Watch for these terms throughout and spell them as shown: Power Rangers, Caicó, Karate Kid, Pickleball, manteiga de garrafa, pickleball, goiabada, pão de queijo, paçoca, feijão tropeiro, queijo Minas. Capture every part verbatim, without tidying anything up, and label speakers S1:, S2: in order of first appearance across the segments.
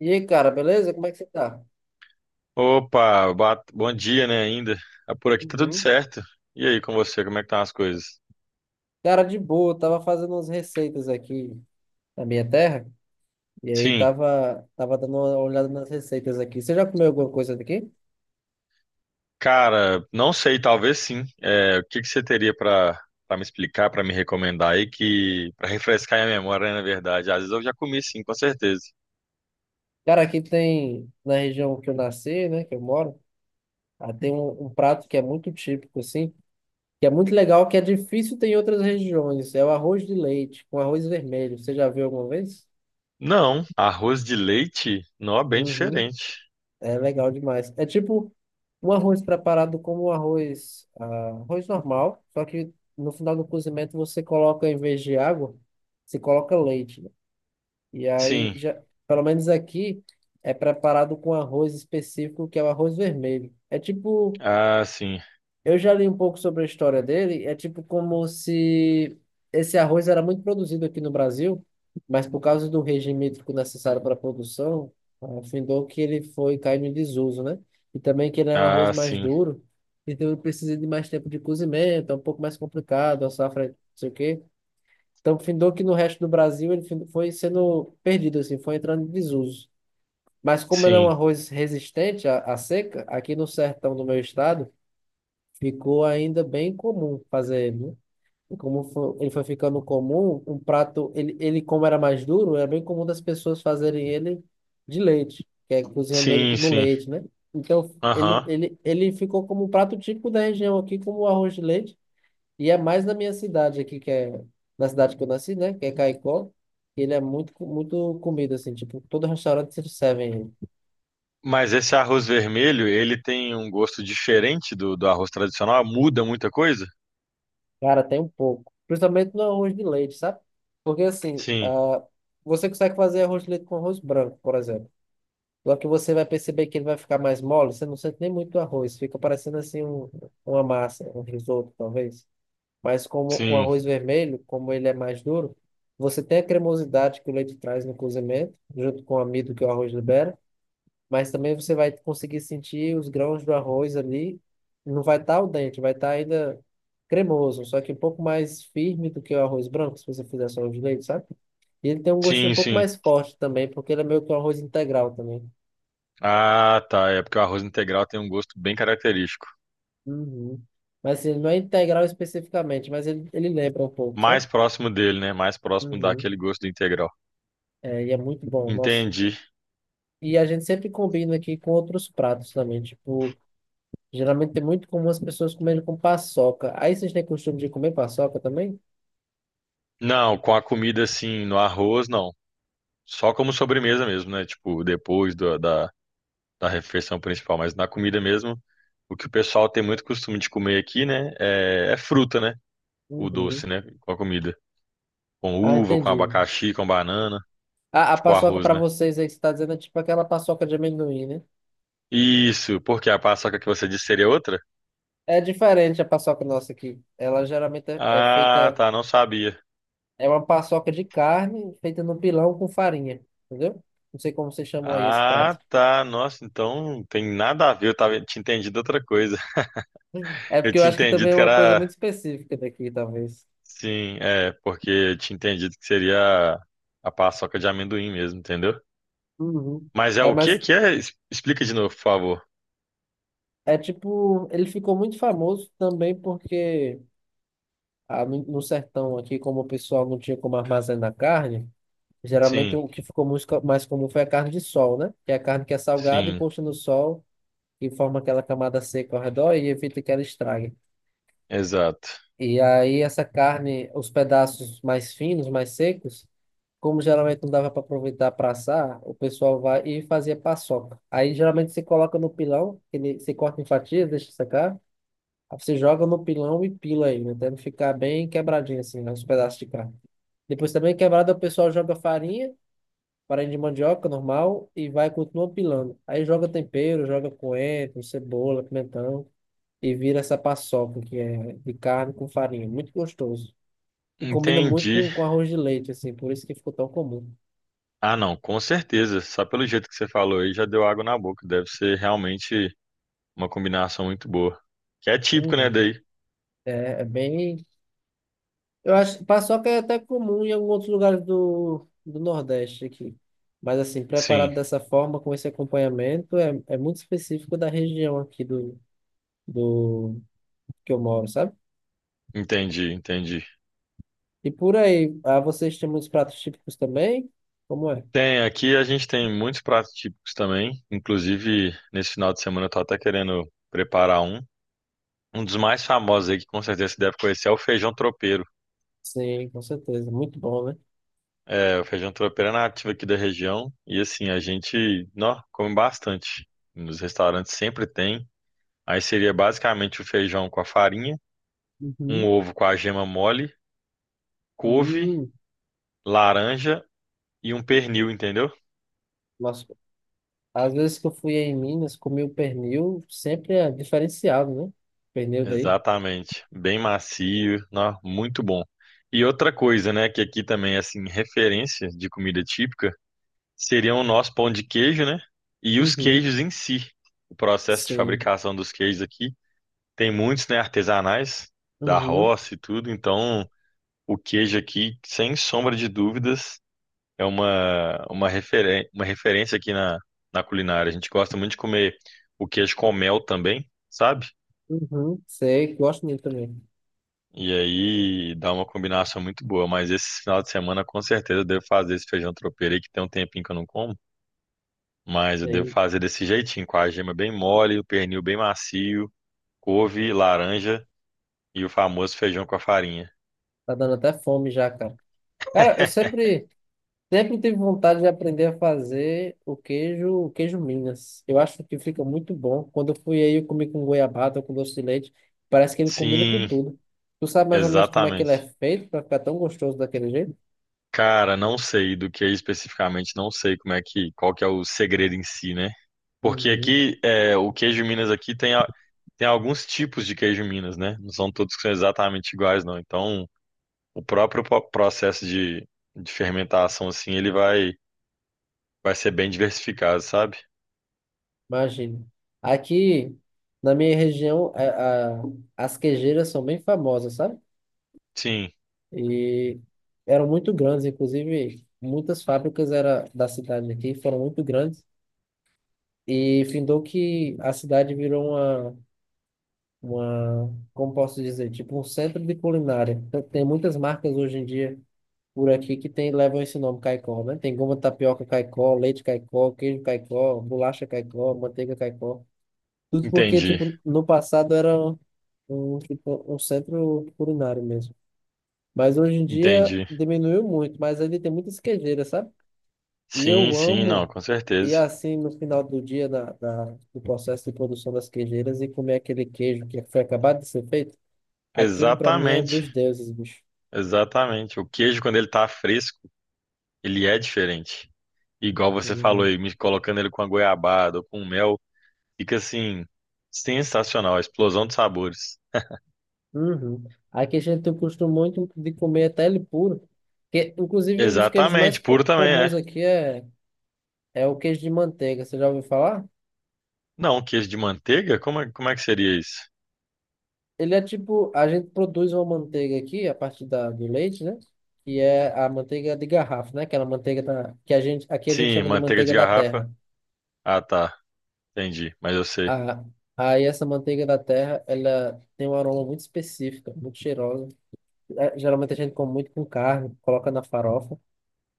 S1: E aí, cara, beleza? Como é que você tá?
S2: Opa, boa- bom dia, né, ainda. Ah, por aqui tá tudo
S1: Uhum.
S2: certo. E aí, com você, como é que estão as coisas?
S1: Cara, de boa, tava fazendo umas receitas aqui na minha terra, e aí
S2: Sim,
S1: tava, tava dando uma olhada nas receitas aqui. Você já comeu alguma coisa daqui?
S2: cara, não sei, talvez sim. É, o que que você teria pra para me explicar, pra me recomendar aí que para refrescar minha memória, né, na verdade. Às vezes eu já comi sim, com certeza.
S1: Cara, aqui tem, na região que eu nasci, né, que eu moro, ah, tem um, um prato que é muito típico, assim, que é muito legal, que é difícil ter em outras regiões. É o arroz de leite, com arroz vermelho. Você já viu alguma vez?
S2: Não, arroz de leite, não, é bem
S1: Uhum.
S2: diferente.
S1: É legal demais. É tipo um arroz preparado como um arroz, ah, arroz normal, só que no final do cozimento você coloca, em vez de água, você coloca leite, né? E aí,
S2: Sim.
S1: já, pelo menos aqui, é preparado com arroz específico, que é o arroz vermelho. É tipo
S2: Ah, sim.
S1: eu já li um pouco sobre a história dele. É tipo como se esse arroz era muito produzido aqui no Brasil, mas por causa do regime hídrico necessário para a produção, afindou que ele foi caindo em desuso, né? E também que ele é um arroz
S2: Ah,
S1: mais
S2: sim.
S1: duro, então ele precisa de mais tempo de cozimento, é um pouco mais complicado, a safra, não sei o quê. Então, findou que no resto do Brasil ele fin- foi sendo perdido, assim, foi entrando em desuso. Mas como ele é um
S2: Sim.
S1: arroz resistente à, à seca, aqui no sertão do meu estado, ficou ainda bem comum fazer ele, né? E como fo- ele foi ficando comum, um prato, ele, ele como era mais duro, era bem comum das pessoas fazerem ele de leite, que é cozinhando ele
S2: Sim,
S1: no
S2: sim.
S1: leite, né? Então, ele,
S2: Aham.
S1: ele, ele ficou como um prato típico da região aqui, como o arroz de leite, e é mais na minha cidade aqui, que é na cidade que eu nasci, né? Que é Caicó, ele é muito, muito comida, assim, tipo, todo restaurante serve ele.
S2: Mas esse arroz vermelho, ele tem um gosto diferente do, do arroz tradicional? Muda muita coisa?
S1: Cara, tem um pouco. Principalmente no arroz de leite, sabe? Porque assim,
S2: Sim,
S1: ah, você consegue fazer arroz de leite com arroz branco, por exemplo. Só que você vai perceber que ele vai ficar mais mole, você não sente nem muito o arroz. Fica parecendo assim um, uma massa, um risoto, talvez. Mas como o
S2: sim,
S1: arroz vermelho, como ele é mais duro, você tem a cremosidade que o leite traz no cozimento, junto com o amido que o arroz libera, mas também você vai conseguir sentir os grãos do arroz ali. Não vai estar o dente, vai estar ainda cremoso, só que um pouco mais firme do que o arroz branco, se você fizer só o de leite, sabe? E ele tem um gostinho um
S2: sim,
S1: pouco
S2: sim.
S1: mais forte também, porque ele é meio que um arroz integral também.
S2: Ah, tá. É porque o arroz integral tem um gosto bem característico.
S1: Uhum. Mas assim, ele não é integral especificamente, mas ele, ele lembra um pouco, sabe?
S2: Mais próximo dele, né? Mais próximo daquele
S1: Uhum.
S2: gosto do integral.
S1: É, e é muito bom, nossa.
S2: Entendi.
S1: E a gente sempre combina aqui com outros pratos também, tipo, geralmente é muito comum as pessoas comerem com paçoca. Aí vocês têm costume de comer paçoca também?
S2: Não, com a comida assim, no arroz, não. Só como sobremesa mesmo, né? Tipo, depois do- da, da refeição principal. Mas na comida mesmo, o que o pessoal tem muito costume de comer aqui, né? É, é fruta, né? O
S1: Uhum.
S2: doce, né? Com a comida. Com
S1: Ah,
S2: uva, com
S1: entendi.
S2: abacaxi, com banana.
S1: A, a
S2: Tipo
S1: paçoca
S2: arroz,
S1: para
S2: né?
S1: vocês aí que você está dizendo é tipo aquela paçoca de amendoim, né?
S2: Isso, porque a paçoca que você disse seria outra?
S1: É diferente a paçoca nossa aqui. Ela geralmente é, é
S2: Ah,
S1: feita.
S2: tá, não sabia.
S1: É uma paçoca de carne feita no pilão com farinha. Entendeu? Não sei como vocês chamam aí esse prato.
S2: Ah, tá, nossa, então tem nada a ver, eu tava, tinha entendido outra coisa.
S1: É
S2: Eu
S1: porque eu
S2: tinha
S1: acho que também
S2: entendido
S1: é
S2: que
S1: uma coisa muito
S2: era,
S1: específica daqui, talvez.
S2: sim, é, porque eu tinha entendido que seria a, a paçoca de amendoim mesmo, entendeu?
S1: Uhum.
S2: Mas é
S1: É,
S2: o que
S1: mas
S2: que é? Es- Explica de novo, por favor.
S1: é tipo. Ele ficou muito famoso também porque ah, no, no sertão aqui, como o pessoal não tinha como armazenar carne. Geralmente
S2: Sim,
S1: o que ficou muito co- mais comum foi a carne de sol, né? Que é a carne que é salgada e
S2: sim,
S1: posta no sol e forma aquela camada seca ao redor e evita que ela estrague.
S2: exato.
S1: E aí essa carne, os pedaços mais finos, mais secos, como geralmente não dava para aproveitar para assar, o pessoal vai e fazia paçoca. Aí geralmente você coloca no pilão, que ele, você corta em fatias, deixa secar, aí você joga no pilão e pila ele, até ele ficar bem quebradinho assim, né, os pedaços de carne. Depois também quebrado o pessoal joga farinha farinha de mandioca normal e vai continua pilando. Aí joga tempero, joga coentro, cebola, pimentão e vira essa paçoca que é de carne com farinha. Muito gostoso. E combina muito
S2: Entendi.
S1: com, com arroz de leite, assim, por isso que ficou tão comum.
S2: Ah, não, com certeza. Só pelo jeito que você falou aí já deu água na boca. Deve ser realmente uma combinação muito boa. Que é típico, né,
S1: Uhum.
S2: daí?
S1: É, é bem. Eu acho que paçoca é até comum em alguns outros lugares do, do Nordeste aqui. Mas assim,
S2: Sim,
S1: preparado dessa forma, com esse acompanhamento, é, é muito específico da região aqui do, do que eu moro, sabe?
S2: entendi, entendi.
S1: E por aí, ah, vocês têm muitos pratos típicos também? Como é?
S2: Tem, aqui a gente tem muitos pratos típicos também. Inclusive, nesse final de semana eu tô até querendo preparar um. Um dos mais famosos aí, que com certeza você deve conhecer, é o feijão tropeiro.
S1: Sim, com certeza. Muito bom, né?
S2: É, o feijão tropeiro é nativo aqui da região. E assim, a gente, nó, come bastante. Nos restaurantes sempre tem. Aí seria basicamente o feijão com a farinha, um
S1: Uhum.
S2: ovo com a gema mole, couve,
S1: Hum,
S2: laranja e um pernil, entendeu?
S1: nossa, às vezes que eu fui em Minas, comi o pernil, sempre é diferenciado, né? Pernil daí.
S2: Exatamente. Bem macio, nó, muito bom. E outra coisa, né, que aqui também é assim, referência de comida típica, seria o nosso pão de queijo, né? E os
S1: Uhum.
S2: queijos em si. O processo de
S1: Sim.
S2: fabricação dos queijos aqui tem muitos, né, artesanais da
S1: Uhum.
S2: roça e tudo, então o queijo aqui, sem sombra de dúvidas, é uma, uma, referen- uma referência aqui na, na culinária. A gente gosta muito de comer o queijo com mel também, sabe?
S1: Uhum. Sei, gosto dele também.
S2: E aí dá uma combinação muito boa. Mas esse final de semana, com certeza, eu devo fazer esse feijão tropeiro aí, que tem um tempinho que eu não como. Mas eu devo
S1: Sei.
S2: fazer desse jeitinho, com a gema bem mole, o pernil bem macio, couve, laranja e o famoso feijão com a farinha.
S1: Tá dando até fome já, cara. Cara, eu sempre. Sempre tive vontade de aprender a fazer o queijo, o queijo Minas. Eu acho que fica muito bom. Quando eu fui aí, eu comi com goiabada, com doce de leite. Parece que ele combina com
S2: Sim,
S1: tudo. Tu sabe mais ou menos como é que ele é
S2: exatamente.
S1: feito para ficar tão gostoso daquele jeito?
S2: Cara, não sei do que é especificamente, não sei como é que, qual que é o segredo em si, né? Porque
S1: Uhum.
S2: aqui, é, o queijo Minas aqui tem, a- tem alguns tipos de queijo Minas, né? Não são todos que são exatamente iguais, não. Então, o próprio po- processo de, de fermentação, assim, ele vai, vai ser bem diversificado, sabe?
S1: Imagino. Aqui, na minha região, a- a- as queijeiras são bem famosas, sabe?
S2: Sim,
S1: E eram muito grandes, inclusive muitas fábricas era da cidade aqui, foram muito grandes. E findou que a cidade virou uma uma, como posso dizer, tipo um centro de culinária. Tem tem muitas marcas hoje em dia por aqui que tem, levam esse nome Caicó, né? Tem goma de tapioca Caicó, leite Caicó, queijo Caicó, bolacha Caicó, manteiga Caicó. Tudo porque,
S2: entendi,
S1: tipo, no passado era um, um, tipo, um centro culinário mesmo. Mas hoje em dia
S2: entendi.
S1: diminuiu muito, mas ainda tem muitas queijeiras, sabe? E
S2: Sim,
S1: eu
S2: sim, não,
S1: amo
S2: com
S1: ir
S2: certeza.
S1: assim no final do dia na, na, do processo de produção das queijeiras e comer aquele queijo que foi acabado de ser feito. Aquilo pra mim é
S2: Exatamente,
S1: dos deuses, bicho.
S2: exatamente. O queijo, quando ele tá fresco, ele é diferente. Igual você falou
S1: Uhum.
S2: aí, me colocando ele com a goiabada ou com mel, fica assim, sensacional, a explosão de sabores.
S1: Uhum. Aqui a gente costuma muito de comer até ele puro. Que, inclusive, um dos queijos mais
S2: Exatamente, puro
S1: co-
S2: também
S1: comuns
S2: é.
S1: aqui é, é o queijo de manteiga. Você já ouviu falar?
S2: Não, queijo de manteiga? Como é, como é que seria isso?
S1: Ele é tipo, a gente produz uma manteiga aqui a partir da, do leite, né? Que é a manteiga de garrafa, né? Aquela manteiga da, que a gente, aqui a gente
S2: Sim,
S1: chama de
S2: manteiga de
S1: manteiga da terra.
S2: garrafa. Ah, tá. Entendi, mas eu sei.
S1: Ah, aí essa manteiga da terra, ela tem um aroma muito específico, muito cheirosa. É, geralmente a gente come muito com carne, coloca na farofa.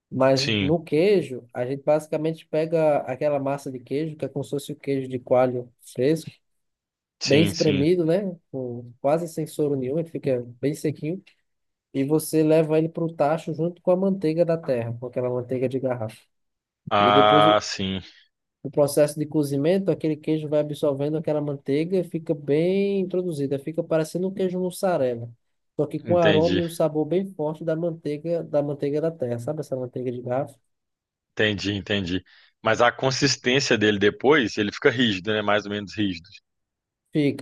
S1: Mas
S2: Sim,
S1: no queijo, a gente basicamente pega aquela massa de queijo, que é como se fosse o queijo de coalho fresco, bem
S2: sim, sim.
S1: espremido, né? Com quase sem soro nenhum, ele fica bem sequinho. E você leva ele para o tacho junto com a manteiga da terra, com aquela manteiga de garrafa. E depois
S2: Ah,
S1: o,
S2: sim.
S1: o processo de cozimento, aquele queijo vai absorvendo aquela manteiga e fica bem introduzida, fica parecendo um queijo mussarela. Só que com o aroma
S2: Entendi,
S1: e o sabor bem forte da manteiga, da manteiga da terra, sabe essa manteiga de garrafa?
S2: entendi, entendi. Mas a consistência dele depois, ele fica rígido, né? Mais ou menos rígido,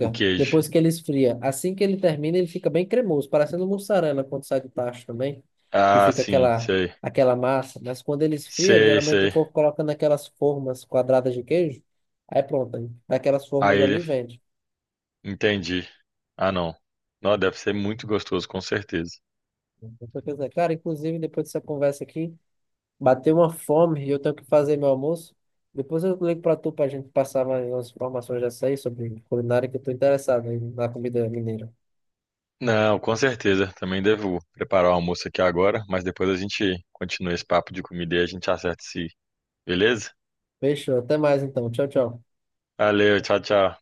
S2: o queijo.
S1: Depois que ele esfria. Assim que ele termina, ele fica bem cremoso, parecendo mussarela quando sai do tacho também, que
S2: Ah,
S1: fica
S2: sim,
S1: aquela
S2: sei.
S1: aquela massa. Mas quando ele esfria,
S2: Sei,
S1: geralmente o
S2: sei.
S1: povo coloca naquelas formas quadradas de queijo. Aí pronto, aí daquelas formas
S2: Aí
S1: ali
S2: ele.
S1: vende.
S2: Entendi. Ah, não. Não, deve ser muito gostoso, com certeza.
S1: Então, quer dizer, cara, inclusive depois dessa conversa aqui, bateu uma fome e eu tenho que fazer meu almoço. Depois eu ligo para tu para a gente passar mais umas informações dessa aí sobre culinária que eu tô interessado aí na comida mineira.
S2: Não, com certeza. Também devo preparar o almoço aqui agora, mas depois a gente continua esse papo de comida e a gente acerta se, beleza?
S1: Fechou, até mais então. Tchau, tchau.
S2: Valeu, tchau, tchau.